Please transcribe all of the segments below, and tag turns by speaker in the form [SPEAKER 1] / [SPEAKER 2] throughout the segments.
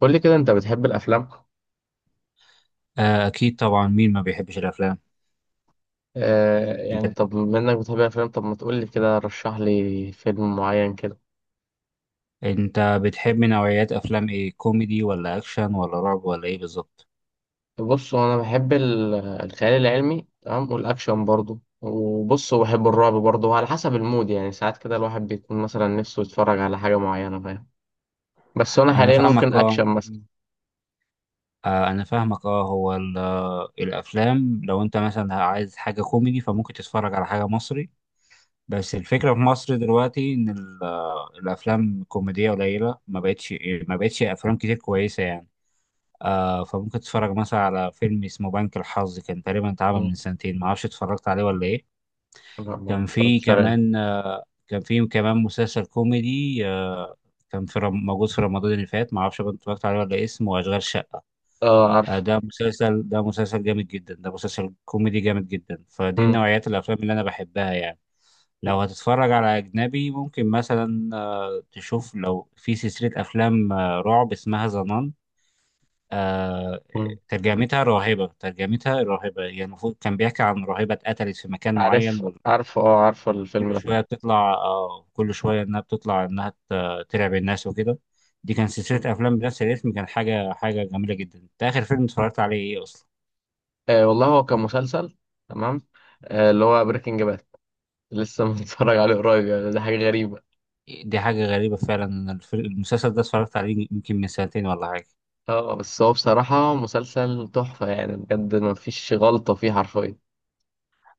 [SPEAKER 1] قول لي كده، انت بتحب الافلام؟
[SPEAKER 2] آه، أكيد طبعا، مين ما بيحبش الأفلام؟
[SPEAKER 1] آه
[SPEAKER 2] أنت
[SPEAKER 1] يعني، طب بما انك بتحب الافلام، طب ما تقول لي كده، رشح لي فيلم معين كده.
[SPEAKER 2] أنت بتحب نوعيات أفلام إيه، كوميدي ولا أكشن ولا رعب ولا إيه بالظبط؟
[SPEAKER 1] بص هو انا بحب الخيال العلمي. تمام، والاكشن برضو، وبص وبحب الرعب برضو، وعلى حسب المود يعني، ساعات كده الواحد بيكون مثلا نفسه يتفرج على حاجة معينة، فاهم؟ بس انا
[SPEAKER 2] أنا
[SPEAKER 1] حاليا
[SPEAKER 2] فاهمك،
[SPEAKER 1] ممكن
[SPEAKER 2] أه.
[SPEAKER 1] اكشن مثلا.
[SPEAKER 2] أنا فاهمك هو الأفلام، لو أنت مثلا عايز حاجة كوميدي فممكن تتفرج على حاجة مصري. بس الفكرة في مصر دلوقتي إن الأفلام الكوميدية قليلة، ما بقتش أفلام كتير كويسة يعني. فممكن تتفرج مثلا على فيلم اسمه بنك الحظ، كان تقريبا اتعمل
[SPEAKER 1] مم.
[SPEAKER 2] من سنتين، معرفش اتفرجت عليه ولا إيه.
[SPEAKER 1] لا، ما اتفرجتش عليه.
[SPEAKER 2] كان في كمان مسلسل كوميدي، موجود في رمضان اللي فات، ما اعرفش بقى اتفرجت عليه ولا إيه، اسمه اشغال شقه.
[SPEAKER 1] اه عارف.
[SPEAKER 2] ده مسلسل جامد جدا، ده مسلسل كوميدي جامد جدا، فدي
[SPEAKER 1] مم.
[SPEAKER 2] نوعيات الافلام اللي انا بحبها يعني. لو
[SPEAKER 1] مم.
[SPEAKER 2] هتتفرج على اجنبي، ممكن مثلا تشوف لو في سلسله افلام رعب اسمها ظنان. آه،
[SPEAKER 1] مم.
[SPEAKER 2] ترجمتها راهبة يعني المفروض كان بيحكي عن راهبة اتقتلت في مكان معين.
[SPEAKER 1] عارف، عارف، اه عارف الفيلم ده.
[SPEAKER 2] كل شويه انها بتطلع، انها ترعب الناس وكده. دي كان
[SPEAKER 1] مم.
[SPEAKER 2] سلسله افلام بنفس الاسم، كان حاجه جميله جدا. انت اخر فيلم اتفرجت عليه ايه اصلا؟
[SPEAKER 1] آه والله، هو كان مسلسل. تمام. آه اللي هو بريكنج باد. لسه متفرج عليه قريب يعني، ده حاجة غريبة.
[SPEAKER 2] دي حاجه غريبه فعلا، أنا المسلسل ده اتفرجت عليه يمكن من سنتين ولا حاجه.
[SPEAKER 1] اه، بس هو بصراحة مسلسل تحفة يعني، بجد مفيش غلطة فيه حرفيا.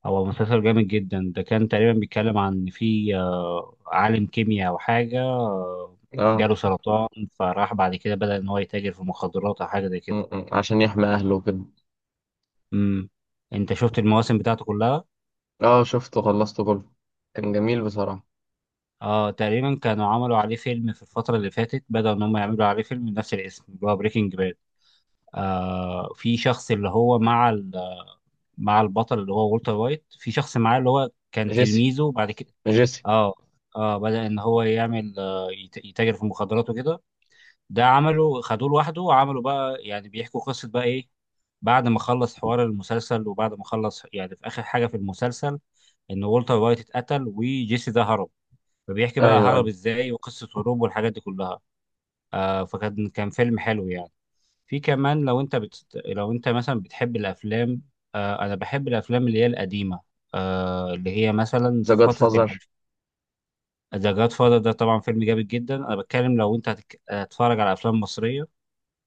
[SPEAKER 2] هو مسلسل جامد جدا، ده كان تقريبا بيتكلم عن إن في عالم كيمياء او حاجه،
[SPEAKER 1] اه.
[SPEAKER 2] جاله سرطان، فراح بعد كده بدأ ان هو يتاجر في المخدرات او حاجه زي
[SPEAKER 1] م-
[SPEAKER 2] كده.
[SPEAKER 1] م. عشان يحمي أهله وكده.
[SPEAKER 2] امم انت شفت المواسم بتاعته كلها؟
[SPEAKER 1] اه، شفته، خلصته كله. كان جميل بصراحة.
[SPEAKER 2] اه تقريبا، كانوا عملوا عليه فيلم في الفترة اللي فاتت، بدأوا إن هم يعملوا عليه فيلم بنفس الاسم اللي هو بريكنج باد. في شخص اللي هو مع مع البطل اللي هو والتر وايت، في شخص معاه اللي هو كان
[SPEAKER 1] جيسي،
[SPEAKER 2] تلميذه بعد كده.
[SPEAKER 1] جيسي.
[SPEAKER 2] اه. اه، بدأ إن هو يعمل يتاجر في المخدرات وكده. ده عمله خدوه لوحده، وعملوا بقى يعني بيحكوا قصة بقى إيه. بعد ما خلص حوار المسلسل، وبعد ما خلص يعني في آخر حاجة في المسلسل، إن والتر وايت اتقتل وجيسي ده هرب. فبيحكي
[SPEAKER 1] أيوه،
[SPEAKER 2] بقى
[SPEAKER 1] أيوه.
[SPEAKER 2] هرب ازاي وقصة هروبه والحاجات دي كلها. فكان فيلم حلو يعني. في كمان لو انت مثلا بتحب الافلام، انا بحب الافلام اللي هي القديمة، اللي هي مثلا
[SPEAKER 1] ذا
[SPEAKER 2] في
[SPEAKER 1] جاد
[SPEAKER 2] فترة
[SPEAKER 1] فازر.
[SPEAKER 2] الالف. ذا جاد فاذر ده طبعا فيلم جامد جدا. انا بتكلم لو انت هتتفرج على افلام مصرية،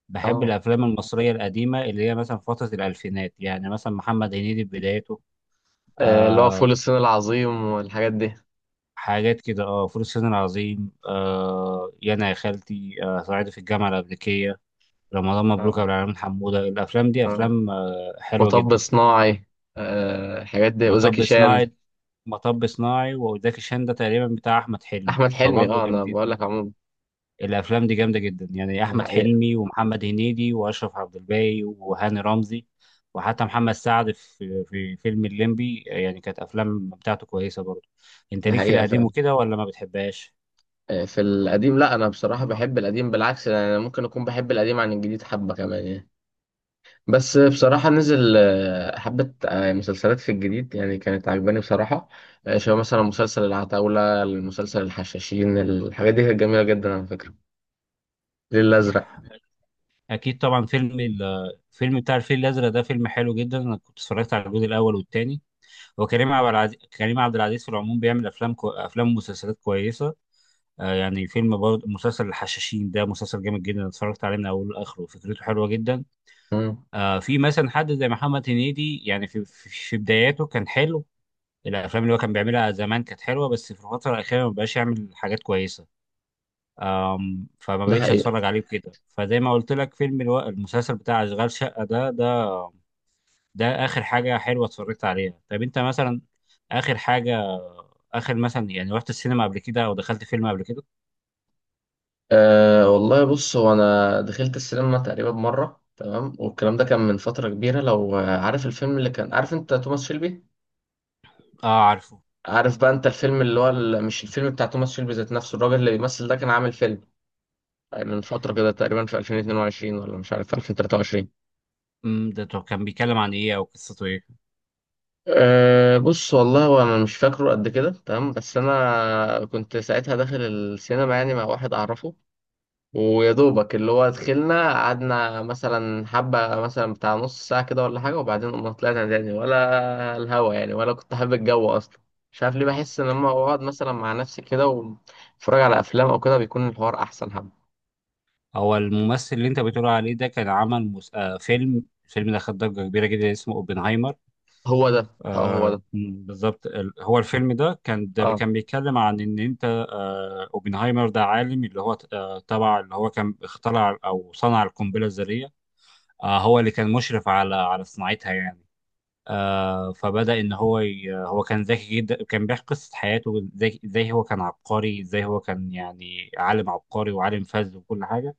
[SPEAKER 2] بحب
[SPEAKER 1] اه.
[SPEAKER 2] الافلام المصرية القديمة اللي هي مثلا في فترة الالفينات، يعني مثلا محمد هنيدي في بدايته.
[SPEAKER 1] آه، اللي هو
[SPEAKER 2] آه
[SPEAKER 1] فول الصين العظيم والحاجات دي.
[SPEAKER 2] حاجات كده، اه، فول الصين العظيم، يانا يا خالتي، صعيدي في الجامعة الأمريكية، رمضان مبروك يا
[SPEAKER 1] اه.
[SPEAKER 2] عبد العالمين، حمودة. الأفلام دي
[SPEAKER 1] اه.
[SPEAKER 2] أفلام حلوة
[SPEAKER 1] مطب
[SPEAKER 2] جدا.
[SPEAKER 1] صناعي. آه الحاجات دي وزكي
[SPEAKER 2] مطب
[SPEAKER 1] شان.
[SPEAKER 2] صناعي مطب صناعي وزكي شان ده تقريبا بتاع أحمد حلمي،
[SPEAKER 1] أحمد حلمي،
[SPEAKER 2] فبرضه
[SPEAKER 1] اه، أنا
[SPEAKER 2] جامدين.
[SPEAKER 1] بقول لك عموما.
[SPEAKER 2] الأفلام دي جامدة جدا، يعني
[SPEAKER 1] ده
[SPEAKER 2] أحمد
[SPEAKER 1] حقيقة.
[SPEAKER 2] حلمي ومحمد هنيدي وأشرف عبد الباقي وهاني رمزي، وحتى محمد سعد في في فيلم الليمبي، يعني كانت أفلام بتاعته كويسة برضه. أنت
[SPEAKER 1] ده
[SPEAKER 2] ليك في
[SPEAKER 1] حقيقة
[SPEAKER 2] القديم
[SPEAKER 1] فعلا.
[SPEAKER 2] وكده ولا ما بتحبهاش؟
[SPEAKER 1] آه، في القديم، لا انا بصراحه بحب القديم بالعكس يعني، انا ممكن اكون بحب القديم عن الجديد حبه كمان يعني. بس بصراحه نزل حبه مسلسلات في الجديد يعني كانت عجباني بصراحه. شبه مثلا مسلسل العتاوله، المسلسل الحشاشين، الحاجات دي كانت جميله جدا على فكره. الليل الازرق.
[SPEAKER 2] أكيد طبعا، فيلم الفيلم بتاع الفيل الأزرق ده فيلم حلو جدا، أنا كنت اتفرجت على الجزء الأول والتاني. هو كريم عبد العزيز في العموم بيعمل افلام افلام ومسلسلات كويسه. يعني فيلم، برضه مسلسل الحشاشين ده مسلسل جامد جدا، أنا اتفرجت عليه من اوله لاخره، فكرته حلوه جدا.
[SPEAKER 1] مم.
[SPEAKER 2] في مثلا حد زي محمد هنيدي، يعني في بداياته كان حلو. الافلام اللي هو كان بيعملها زمان كانت حلوه، بس في الفتره الاخيره ما بقاش يعمل حاجات كويسه، فما
[SPEAKER 1] ده
[SPEAKER 2] بقتش
[SPEAKER 1] حقيقه.
[SPEAKER 2] اتفرج عليه كده. فزي ما قلت لك، فيلم المسلسل بتاع اشغال شقه ده اخر حاجه حلوه اتفرجت عليها. طب انت مثلا اخر حاجه اخر مثلا يعني، رحت السينما قبل كده او دخلت فيلم قبل كده؟
[SPEAKER 1] أه والله، بص هو انا دخلت السينما تقريبا مره تمام، والكلام ده كان من فتره كبيره، لو عارف الفيلم اللي كان، عارف انت توماس شيلبي؟
[SPEAKER 2] اه عارفه.
[SPEAKER 1] عارف بقى انت الفيلم اللي هو مش الفيلم بتاع توماس شيلبي ذات نفسه، الراجل اللي بيمثل ده كان عامل فيلم من فترة كده تقريبا في 2022 ولا مش عارف في 2023.
[SPEAKER 2] ده طب كان بيتكلم عن ايه او قصته ايه؟
[SPEAKER 1] أه، بص والله، هو انا مش فاكره قد كده تمام، بس انا كنت ساعتها داخل السينما يعني مع واحد اعرفه. ويا دوبك اللي هو دخلنا، قعدنا مثلا حبة مثلا بتاع نص ساعة كده ولا حاجة، وبعدين قمنا طلعنا تاني ولا الهوا يعني، ولا كنت حابب الجو أصلا. مش عارف ليه، بحس إن لما بقعد مثلا مع نفسي كده واتفرج على أفلام أو كده، بيكون الحوار أحسن حبة.
[SPEAKER 2] هو الممثل اللي انت بتقول عليه ده كان عمل مس... آه فيلم، الفيلم ده خد ضجه كبيره جدا، اسمه اوبنهايمر.
[SPEAKER 1] هو ده، اه هو ده.
[SPEAKER 2] بالظبط، هو الفيلم ده كان،
[SPEAKER 1] اه.
[SPEAKER 2] بيتكلم عن ان انت اوبنهايمر ده عالم اللي هو تبع اللي هو كان اخترع او صنع القنبله الذريه. هو اللي كان مشرف على صناعتها يعني. آه فبدأ إن هو ي... هو كان ذكي جدا، كان بيحكي قصة حياته إزاي هو كان عبقري، ازاي هو كان يعني عالم عبقري وعالم فذ وكل حاجة.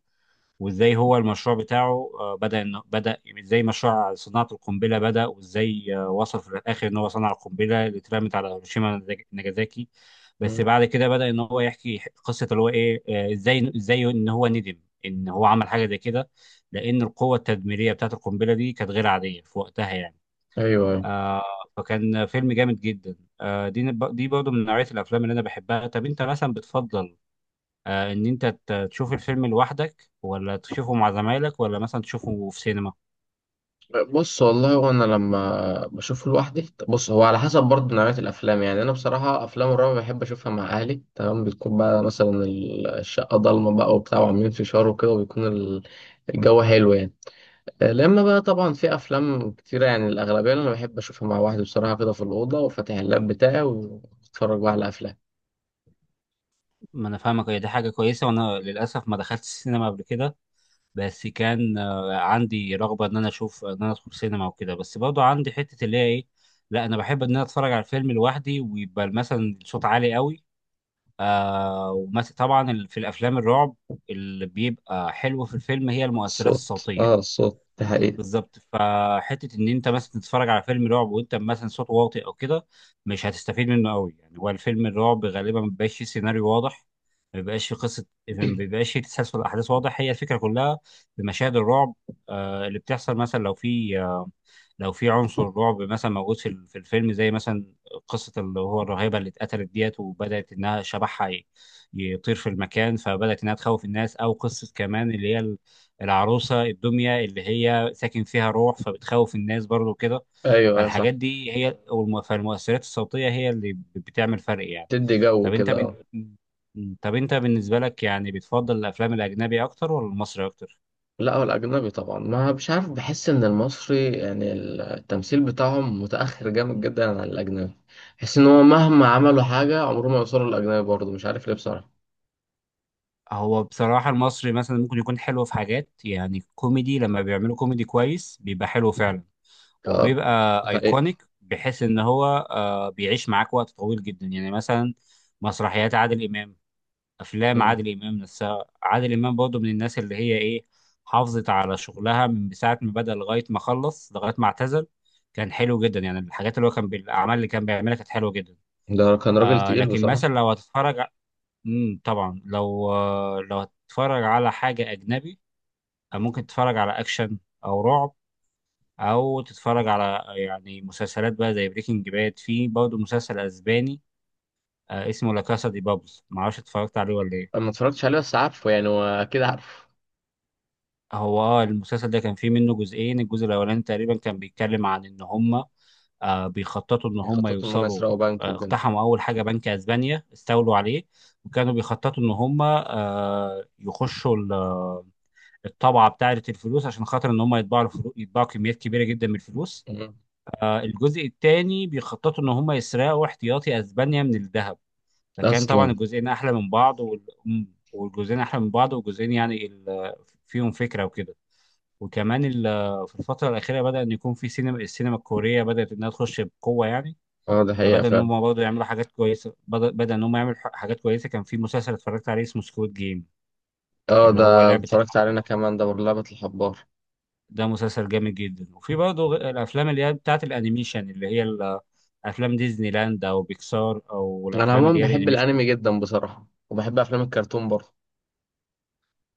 [SPEAKER 2] وازاي هو المشروع بتاعه بدأ، إنه بدأ ازاي، مشروع صناعة القنبلة بدأ، وازاي وصل في الآخر إن هو صنع القنبلة اللي اترمت على هيروشيما وناجازاكي. بس
[SPEAKER 1] مم.
[SPEAKER 2] بعد كده بدأ إن هو يحكي قصة اللي هو إيه، إزاي إن هو ندم إن هو عمل حاجة زي كده، لأن القوة التدميرية بتاعة القنبلة دي كانت غير عادية في وقتها يعني.
[SPEAKER 1] أيوه، أيوه.
[SPEAKER 2] آه فكان فيلم جامد جدا. دي برضه من نوعية الأفلام اللي أنا بحبها. طب أنت مثلا بتفضل إن أنت تشوف الفيلم لوحدك، ولا تشوفه مع زمايلك، ولا مثلا تشوفه في سينما؟
[SPEAKER 1] بص والله، وانا لما بشوفه لوحدي، بص هو على حسب برضه نوعية الافلام يعني، انا بصراحة افلام الرعب بحب اشوفها مع اهلي تمام، بتكون بقى مثلا الشقة ضلمة بقى وبتاع، وعاملين فشار وكده، وبيكون الجو حلو يعني. لما بقى طبعا في افلام كتيرة يعني، الاغلبية اللي انا بحب اشوفها مع واحد بصراحة كده في الأوضة، وفاتح اللاب بتاعي واتفرج بقى على افلام.
[SPEAKER 2] ما أنا فاهمك. هي دي حاجة كويسة، وأنا للأسف ما دخلت السينما قبل كده، بس كان عندي رغبة إن أنا أشوف إن أنا أدخل سينما وكده، بس برضه عندي حتة اللي هي إيه، لا أنا بحب إن أنا أتفرج على الفيلم لوحدي، ويبقى مثلا الصوت عالي قوي. ومثلا طبعا في الافلام الرعب، اللي بيبقى حلو في الفيلم هي المؤثرات
[SPEAKER 1] الصوت،
[SPEAKER 2] الصوتيه.
[SPEAKER 1] اه الصوت ده حقيقي.
[SPEAKER 2] بالظبط، فحته ان انت مثلا تتفرج على فيلم رعب وانت مثلا صوته واطي او كده، مش هتستفيد منه قوي يعني. هو الفيلم الرعب غالبا ما بيبقاش فيه سيناريو واضح، ما بيبقاش فيه قصه، ما بيبقاش فيه تسلسل احداث واضح. هي الفكره كلها في مشاهد الرعب اللي بتحصل، مثلا لو في، لو في عنصر رعب مثلا موجود في في الفيلم، زي مثلا قصة اللي هو الراهبة اللي اتقتلت ديت، وبدأت إنها شبحها يطير في المكان، فبدأت إنها تخوف الناس، أو قصة كمان اللي هي العروسة الدمية اللي هي ساكن فيها روح، فبتخوف الناس برضو كده.
[SPEAKER 1] ايوه، ايوه،
[SPEAKER 2] فالحاجات
[SPEAKER 1] صح.
[SPEAKER 2] دي هي فالمؤثرات الصوتية هي اللي بتعمل فرق يعني.
[SPEAKER 1] تدي جو
[SPEAKER 2] طب أنت
[SPEAKER 1] كده،
[SPEAKER 2] بن...
[SPEAKER 1] اه.
[SPEAKER 2] طب أنت بالنسبة لك يعني بتفضل الأفلام الأجنبي أكتر ولا المصري أكتر؟
[SPEAKER 1] لا، هو الأجنبي طبعا، ما مش عارف، بحس إن المصري يعني التمثيل بتاعهم متأخر جامد جدا عن الأجنبي. بحس إن هو مهما عملوا حاجة عمرهم ما يوصلوا للأجنبي، برضه مش عارف ليه بصراحة.
[SPEAKER 2] هو بصراحة المصري مثلا ممكن يكون حلو في حاجات، يعني كوميدي، لما بيعملوا كوميدي كويس بيبقى حلو فعلا،
[SPEAKER 1] اه،
[SPEAKER 2] وبيبقى
[SPEAKER 1] ده حقيقة.
[SPEAKER 2] ايكونيك بحيث ان هو بيعيش معاك وقت طويل جدا، يعني مثلا مسرحيات عادل امام، افلام
[SPEAKER 1] مم.
[SPEAKER 2] عادل امام نفسها. عادل امام برضه من الناس اللي هي ايه، حافظت على شغلها من ساعة ما بدأ لغاية ما خلص لغاية ما اعتزل، كان حلو جدا يعني. الحاجات اللي هو كان بالاعمال اللي كان بيعملها كانت حلوة جدا.
[SPEAKER 1] ده كان راجل تقيل
[SPEAKER 2] لكن
[SPEAKER 1] بصراحة.
[SPEAKER 2] مثلا لو هتتفرج، طبعا لو هتتفرج على حاجة أجنبي، ممكن تتفرج على أكشن، أو رعب، أو تتفرج على يعني مسلسلات بقى زي بريكنج باد. في برضه مسلسل أسباني اسمه لا كاسا دي بابلز، معرفش اتفرجت عليه ولا إيه.
[SPEAKER 1] أنا ما اتفرجتش عليه بس عارفه يعني، وأكيد عارفه.
[SPEAKER 2] هو المسلسل ده كان فيه منه جزئين. الجزء الأولاني تقريبا كان بيتكلم عن إن هما بيخططوا إن هما
[SPEAKER 1] بيخططوا إن هم
[SPEAKER 2] يوصلوا،
[SPEAKER 1] يسرقوا بنك وكده.
[SPEAKER 2] اقتحموا أول حاجة بنك أسبانيا، استولوا عليه، وكانوا بيخططوا إن هما يخشوا الطبعه بتاعه الفلوس، عشان خاطر ان هم يطبعوا الفلوس، يطبعوا كميات كبيره جدا من الفلوس.
[SPEAKER 1] مم.
[SPEAKER 2] الجزء الثاني بيخططوا ان هم يسرقوا احتياطي اسبانيا من الذهب. فكان طبعا
[SPEAKER 1] أصلا.
[SPEAKER 2] الجزئين احلى من بعض، والجزئين احلى من بعض، والجزئين يعني فيهم فكره وكده. وكمان في الفتره الاخيره بدا ان يكون في سينما، السينما الكوريه بدات انها تخش بقوه يعني.
[SPEAKER 1] اه، ده حقيقة
[SPEAKER 2] فبدا ان
[SPEAKER 1] فعلا.
[SPEAKER 2] هم برضه يعملوا حاجات كويسه، بدا ان هم يعملوا حاجات كويسه. كان في مسلسل اتفرجت عليه اسمه سكويد جيم،
[SPEAKER 1] اه،
[SPEAKER 2] اللي هو
[SPEAKER 1] ده
[SPEAKER 2] لعبه الحب،
[SPEAKER 1] اتفرجت علينا كمان، ده برضه لعبة الحبار.
[SPEAKER 2] ده مسلسل جامد جدا. وفي برضه الافلام اللي هي بتاعت الانيميشن، اللي هي افلام ديزني لاند او بيكسار، او
[SPEAKER 1] أنا
[SPEAKER 2] الافلام
[SPEAKER 1] عموما
[SPEAKER 2] اللي هي
[SPEAKER 1] بحب
[SPEAKER 2] الانيميشن،
[SPEAKER 1] الأنمي جدا بصراحة، وبحب أفلام الكرتون برضه.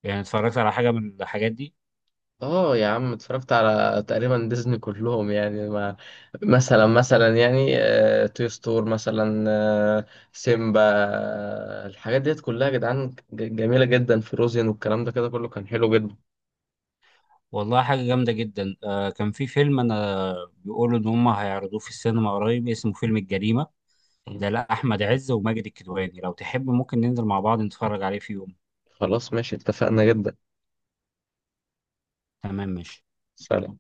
[SPEAKER 2] يعني اتفرجت على حاجه من الحاجات دي؟
[SPEAKER 1] اه يا عم، اتفرجت على تقريبا ديزني كلهم يعني ما. مثلا مثلا يعني، توي ستور مثلا، آه، سيمبا، الحاجات ديت كلها يا جدعان، جميلة جدا، فروزين والكلام ده كده كله كان حلو جدا.
[SPEAKER 2] والله حاجه جامده جدا. كان في فيلم، انا بيقولوا ان هم هيعرضوه في السينما قريب، اسمه فيلم الجريمه،
[SPEAKER 1] يعني
[SPEAKER 2] ده لا احمد عز وماجد الكدواني. لو تحب ممكن ننزل مع بعض نتفرج عليه في يوم.
[SPEAKER 1] خلاص، ماشي، اتفقنا جدا.
[SPEAKER 2] تمام ماشي.
[SPEAKER 1] سلام.